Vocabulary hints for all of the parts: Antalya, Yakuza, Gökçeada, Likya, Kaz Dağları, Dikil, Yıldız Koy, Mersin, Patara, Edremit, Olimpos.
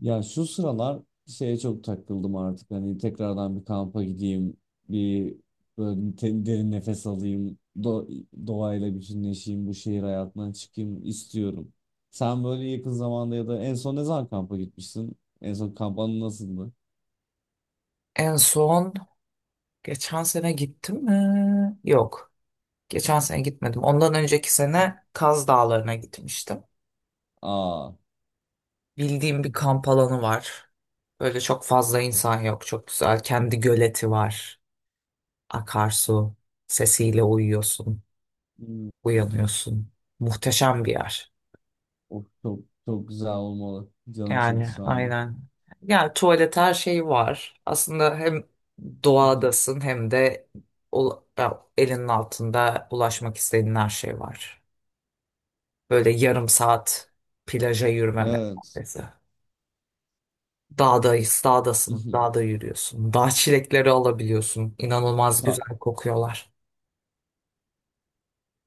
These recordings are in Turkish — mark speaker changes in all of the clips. Speaker 1: Ya şu sıralar şeye çok takıldım artık. Hani tekrardan bir kampa gideyim, bir böyle derin nefes alayım, doğayla bütünleşeyim, bu şehir hayatından çıkayım istiyorum. Sen böyle yakın zamanda ya da en son ne zaman kampa gitmişsin? En son kamp anı nasıldı?
Speaker 2: En son geçen sene gittim mi? Yok. Geçen sene gitmedim. Ondan önceki sene Kaz Dağları'na gitmiştim.
Speaker 1: Aa.
Speaker 2: Bildiğim bir kamp alanı var. Böyle çok fazla insan yok. Çok güzel. Kendi göleti var. Akarsu. Sesiyle uyuyorsun.
Speaker 1: Hmm.
Speaker 2: Uyanıyorsun. Muhteşem bir yer.
Speaker 1: Of, çok çok güzel olmalı. Canım çekti
Speaker 2: Yani
Speaker 1: şu anda.
Speaker 2: aynen. Yani tuvalet her şey var. Aslında hem doğadasın hem de elinin altında ulaşmak istediğin her şey var. Böyle yarım saat plaja yürüme
Speaker 1: Evet.
Speaker 2: mesafesi. Dağdayız, dağdasın, dağda yürüyorsun. Dağ çilekleri alabiliyorsun. İnanılmaz
Speaker 1: Ka-
Speaker 2: güzel kokuyorlar.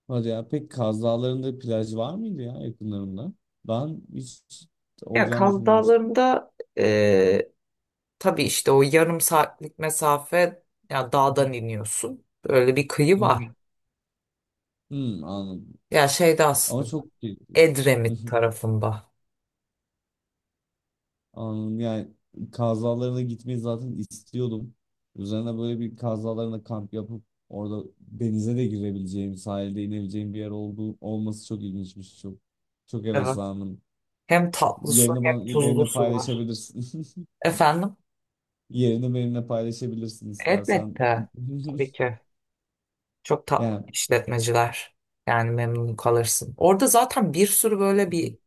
Speaker 1: Hadi ya. Peki Kaz Dağları'nda plaj var mıydı ya yakınlarında? Ben hiç
Speaker 2: Ya
Speaker 1: olacağını
Speaker 2: Kaz
Speaker 1: düşünmemiştim.
Speaker 2: Dağları'nda e, tabii işte o yarım saatlik mesafe ya dağdan iniyorsun. Böyle bir kıyı var.
Speaker 1: Hmm, anladım.
Speaker 2: Ya şeyde
Speaker 1: Ama
Speaker 2: aslında
Speaker 1: çok keyifli.
Speaker 2: Edremit tarafında.
Speaker 1: Anladım. Yani Kaz Dağları'na gitmeyi zaten istiyordum. Üzerine böyle bir Kaz Dağları'nda kamp yapıp orada denize de girebileceğim, sahilde inebileceğim bir yer olduğu olması çok ilginçmiş. Çok çok
Speaker 2: Evet.
Speaker 1: heveslendim.
Speaker 2: Hem tatlı su
Speaker 1: Yerini
Speaker 2: hem
Speaker 1: bana,
Speaker 2: tuzlu
Speaker 1: benimle
Speaker 2: su var.
Speaker 1: paylaşabilirsin.
Speaker 2: Efendim?
Speaker 1: Yerini benimle paylaşabilirsin istersen.
Speaker 2: Elbette. Tabii ki. Çok tatlı
Speaker 1: Yani.
Speaker 2: işletmeciler. Yani memnun kalırsın. Orada zaten bir sürü böyle bir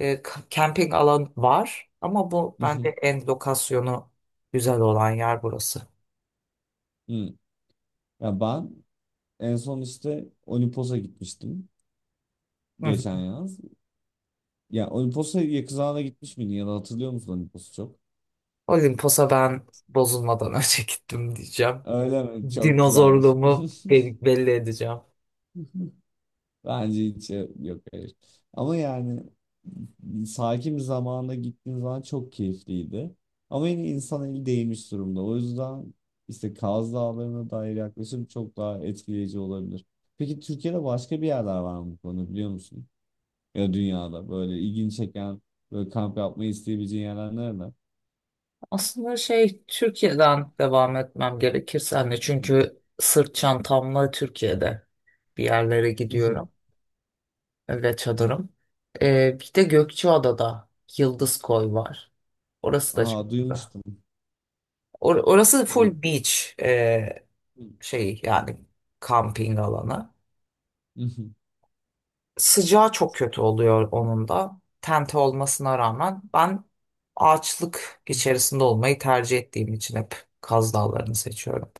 Speaker 2: Camping alan var ama bu bence
Speaker 1: Hı.
Speaker 2: en lokasyonu güzel olan yer burası.
Speaker 1: Ya ben en son işte Olimpos'a gitmiştim
Speaker 2: Hı hı.
Speaker 1: geçen yaz. Ya Olimpos'a Yakuza'na gitmiş miydin ya da hatırlıyor musun Olimpos'u çok?
Speaker 2: Olimpos'a ben bozulmadan önce gittim diyeceğim. Evet.
Speaker 1: Öyle mi? Çok güzelmiş.
Speaker 2: Dinozorluğumu belli edeceğim.
Speaker 1: Bence hiç, yok, hayır. Ama yani sakin bir zamanda gittiğim zaman çok keyifliydi. Ama yine insan eli değmiş durumda. O yüzden işte Kaz Dağları'na dair yaklaşım çok daha etkileyici olabilir. Peki Türkiye'de başka bir yerler var mı bu konuda biliyor musun? Ya dünyada böyle ilgini çeken böyle kamp yapmayı isteyebileceğin yerler nerede?
Speaker 2: Aslında şey Türkiye'den devam etmem gerekirse hani çünkü sırt çantamla Türkiye'de bir yerlere gidiyorum ve çadırım. Bir de Gökçeada'da Yıldız Koy var. Orası da çok
Speaker 1: Aa,
Speaker 2: güzel.
Speaker 1: duymuştum.
Speaker 2: Orası full
Speaker 1: Gök...
Speaker 2: beach. Şey yani kamping alanı. Sıcağı çok kötü oluyor onun da. Tente olmasına rağmen ben ağaçlık içerisinde olmayı tercih ettiğim için hep Kaz Dağları'nı seçiyorum.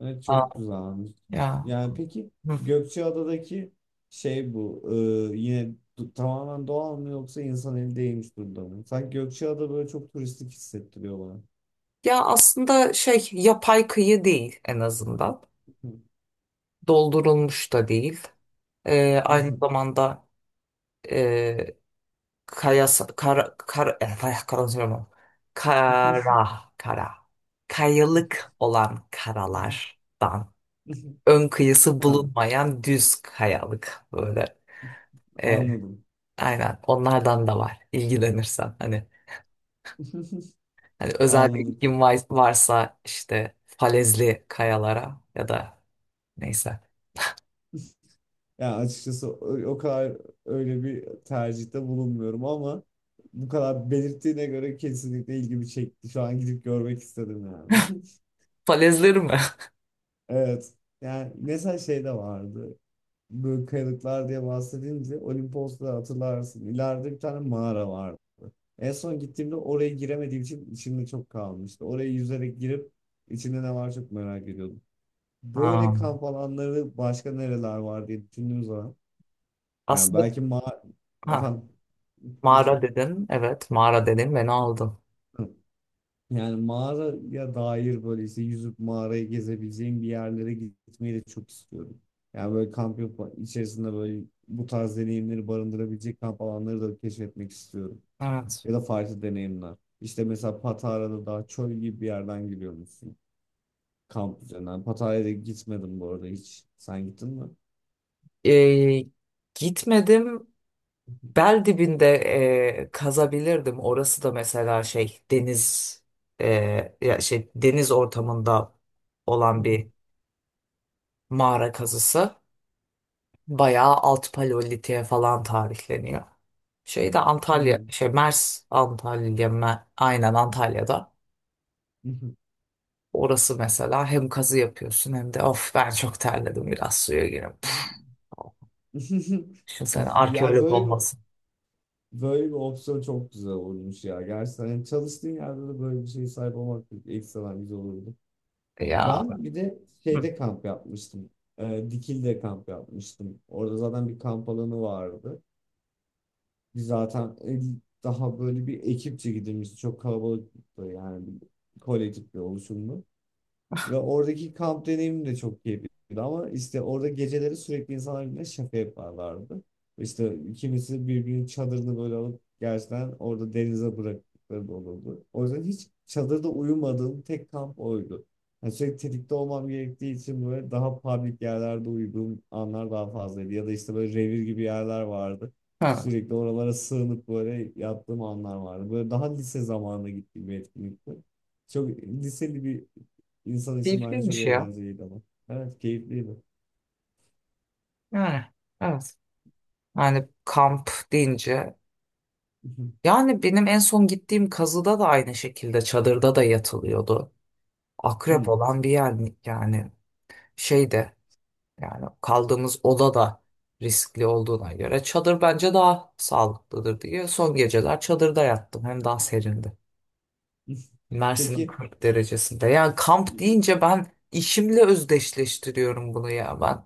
Speaker 1: Evet,
Speaker 2: Aa.
Speaker 1: çok güzelmiş.
Speaker 2: Ya.
Speaker 1: Yani peki
Speaker 2: Hı.
Speaker 1: Gökçeada'daki şey bu yine tamamen doğal mı yoksa insan eli değmiş durumda mı? Sanki Gökçeada böyle çok turistik hissettiriyor bana.
Speaker 2: Ya aslında şey yapay kıyı değil en azından. Doldurulmuş da değil. Aynı zamanda e, kaya konuşamıyorum. Kara kara kayalık olan karalardan ön kıyısı
Speaker 1: Ha,
Speaker 2: bulunmayan düz kayalık böyle. E,
Speaker 1: anladım.
Speaker 2: aynen onlardan da var ilgilenirsen. Hani özel bir
Speaker 1: Anladım.
Speaker 2: varsa işte falezli kayalara ya da neyse.
Speaker 1: Yani açıkçası o kadar öyle bir tercihte bulunmuyorum ama bu kadar belirttiğine göre kesinlikle ilgimi çekti. Şu an gidip görmek istedim yani.
Speaker 2: Falezleri mi?
Speaker 1: Evet. Yani mesela şey de vardı. Böyle kayalıklar diye bahsedince Olimpos'ta hatırlarsın. İleride bir tane mağara vardı. En son gittiğimde oraya giremediğim için içimde çok kalmıştı. Oraya yüzerek girip içinde ne var çok merak ediyordum. Böyle
Speaker 2: Ha.
Speaker 1: kamp alanları başka nereler var diye düşündüğüm zaman yani
Speaker 2: Aslında
Speaker 1: belki ma,
Speaker 2: ha,
Speaker 1: efendim, lütfen.
Speaker 2: mağara dedin. Evet mağara dedin beni aldın.
Speaker 1: Hı. Yani mağaraya dair böyle işte yüzüp mağarayı gezebileceğim bir yerlere gitmeyi de çok istiyorum. Yani böyle kamp yapıp içerisinde böyle bu tarz deneyimleri barındırabilecek kamp alanları da keşfetmek istiyorum.
Speaker 2: Evet.
Speaker 1: Ya da farklı deneyimler. İşte mesela Patara'da daha çöl gibi bir yerden giriyormuşsun kamp üzerinden. Patara'ya da gitmedim bu arada hiç. Sen gittin mi?
Speaker 2: E, gitmedim. Bel dibinde kazabilirdim. Orası da mesela şey deniz e, ya şey deniz ortamında olan bir mağara kazısı. Bayağı alt paleolitiğe falan tarihleniyor. Şey de
Speaker 1: Hı
Speaker 2: Antalya,
Speaker 1: hı.
Speaker 2: şey Mers Antalya, Me- aynen Antalya'da.
Speaker 1: Hı hı.
Speaker 2: Orası mesela hem kazı yapıyorsun hem de of ben çok terledim biraz suya gireyim. Şimdi sen
Speaker 1: Of, yani
Speaker 2: arkeolog
Speaker 1: böyle bir,
Speaker 2: olmasın.
Speaker 1: böyle bir opsiyon çok güzel olmuş ya. Gerçekten yani çalıştığın yerde de böyle bir şeye sahip olmak ekstradan güzel olurdu.
Speaker 2: Ya.
Speaker 1: Ben bir de
Speaker 2: Hı.
Speaker 1: şeyde kamp yapmıştım. Dikil'de kamp yapmıştım. Orada zaten bir kamp alanı vardı. Biz zaten daha böyle bir ekipçe gidilmişti. Çok kalabalıktı yani bir kolektif bir oluşumdu. Ve oradaki kamp deneyimim de çok keyifliydi ama işte orada geceleri sürekli insanlar birbirine şaka yaparlardı. İşte kimisi birbirinin çadırını böyle alıp gerçekten orada denize bıraktıkları da olurdu. O yüzden hiç çadırda uyumadığım tek kamp oydu. Yani sürekli tetikte olmam gerektiği için böyle daha public yerlerde uyuduğum anlar daha fazlaydı. Ya da işte böyle revir gibi yerler vardı.
Speaker 2: Hı.
Speaker 1: Sürekli oralara sığınıp böyle yattığım anlar vardı. Böyle daha lise zamanına gittiğim bir etkinlikti. Çok liseli bir İnsan isimleri çok
Speaker 2: Keyifliymiş ya.
Speaker 1: eğlenceliydi ama. Evet, keyifliydi.
Speaker 2: Yani. Evet. Yani kamp deyince. Yani benim en son gittiğim kazıda da aynı şekilde çadırda da yatılıyordu. Akrep
Speaker 1: Hmm.
Speaker 2: olan bir yer mi- yani şey de yani kaldığımız oda da riskli olduğuna göre çadır bence daha sağlıklıdır diye son geceler çadırda yattım. Hem daha serindi. Mersin'in
Speaker 1: Peki,
Speaker 2: 40 derecesinde. Yani kamp
Speaker 1: e,
Speaker 2: deyince ben işimle özdeşleştiriyorum bunu ya ben.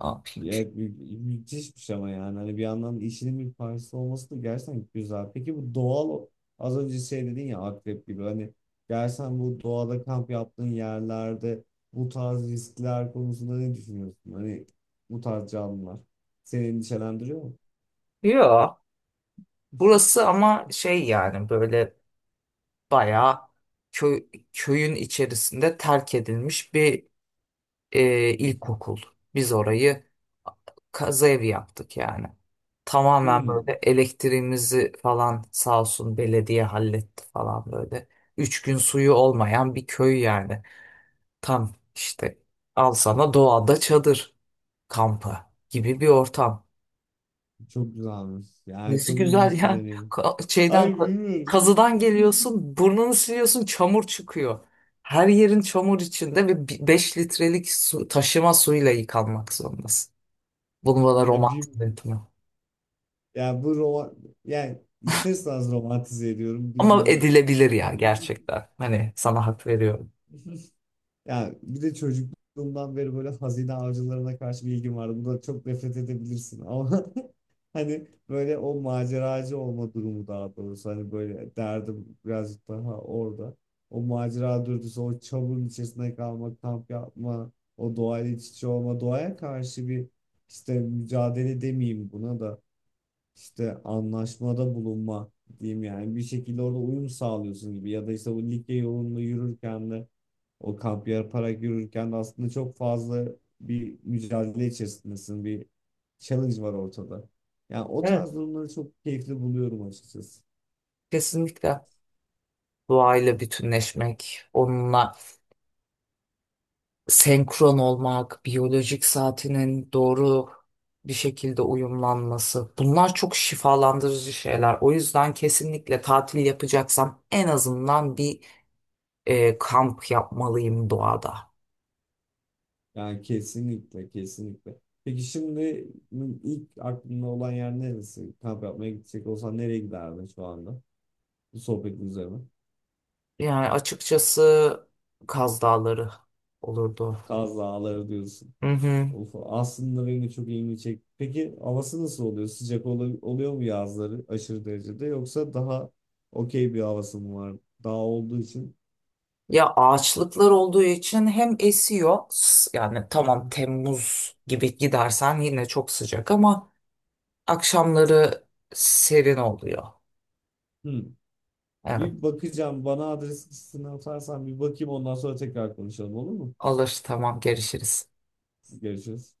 Speaker 2: Ne yapayım?
Speaker 1: evet, müthişmiş ama yani hani bir yandan işinin bir parçası olması da gerçekten güzel. Peki bu doğal, az önce şey dedin ya akrep gibi, hani gerçekten bu doğada kamp yaptığın yerlerde bu tarz riskler konusunda ne düşünüyorsun? Hani bu tarz canlılar seni endişelendiriyor mu?
Speaker 2: Yok. Burası ama şey yani böyle bayağı köy, köyün içerisinde terk edilmiş bir ilkokul. Biz orayı kaza evi yaptık yani. Tamamen böyle
Speaker 1: Hmm,
Speaker 2: elektriğimizi falan sağ olsun belediye halletti falan böyle. Üç gün suyu olmayan bir köy yani. Tam işte al sana doğada çadır kampı gibi bir ortam.
Speaker 1: çok güzelmiş. Yani
Speaker 2: Nesi
Speaker 1: çok
Speaker 2: güzel
Speaker 1: ilginç bir
Speaker 2: yani.
Speaker 1: deneyim.
Speaker 2: Ka- şeyden
Speaker 1: Hayır,
Speaker 2: ka-
Speaker 1: bilmiyorum.
Speaker 2: kazıdan geliyorsun, burnunu siliyorsun, çamur çıkıyor. Her yerin çamur içinde ve 5 litrelik su, taşıma suyla yıkanmak zorundasın. Bunu bana
Speaker 1: Ya, bir,
Speaker 2: romantik etme.
Speaker 1: ya bu roman, yani ister istemez romantize ediyorum,
Speaker 2: Ama
Speaker 1: bilmiyorum.
Speaker 2: edilebilir ya gerçekten. Hani sana hak veriyorum.
Speaker 1: Ya bir de çocukluğumdan beri böyle hazine avcılarına karşı bir ilgim vardı. Buna çok nefret edebilirsin ama hani böyle o maceracı olma durumu daha doğrusu. Hani böyle derdim birazcık daha orada. O macera dürtüsü, o çamurun içerisinde kalma, kamp yapma, o doğayla iç içe olma, doğaya karşı bir işte mücadele demeyeyim buna da, işte anlaşmada bulunma diyeyim, yani bir şekilde orada uyum sağlıyorsun gibi. Ya da işte bu Likya yolunda yürürken de o kamp yaparak yürürken de aslında çok fazla bir mücadele içerisindesin, bir challenge var ortada. Yani o
Speaker 2: Evet,
Speaker 1: tarz durumları çok keyifli buluyorum açıkçası.
Speaker 2: kesinlikle. Doğayla bütünleşmek, onunla senkron olmak, biyolojik saatinin doğru bir şekilde uyumlanması. Bunlar çok şifalandırıcı şeyler. O yüzden kesinlikle tatil yapacaksam en azından bir kamp yapmalıyım doğada.
Speaker 1: Yani kesinlikle kesinlikle. Peki şimdi ilk aklında olan yer neresi? Kamp yapmaya gidecek olsan nereye giderdin şu anda? Bu sohbetin üzerine.
Speaker 2: Yani açıkçası Kaz Dağları olurdu.
Speaker 1: Kaz Dağları diyorsun.
Speaker 2: Hı hı.
Speaker 1: Of, aslında benim de çok ilgimi çekti. Peki havası nasıl oluyor? Sıcak oluyor mu yazları aşırı derecede yoksa daha okey bir havası mı var? Dağ olduğu için.
Speaker 2: Ya ağaçlıklar olduğu için hem esiyor yani tamam Temmuz gibi gidersen yine çok sıcak ama akşamları serin oluyor.
Speaker 1: Hmm.
Speaker 2: Evet
Speaker 1: Bir bakacağım. Bana adres listesini atarsan bir bakayım ondan sonra tekrar konuşalım, olur mu?
Speaker 2: alır tamam görüşürüz.
Speaker 1: Görüşürüz.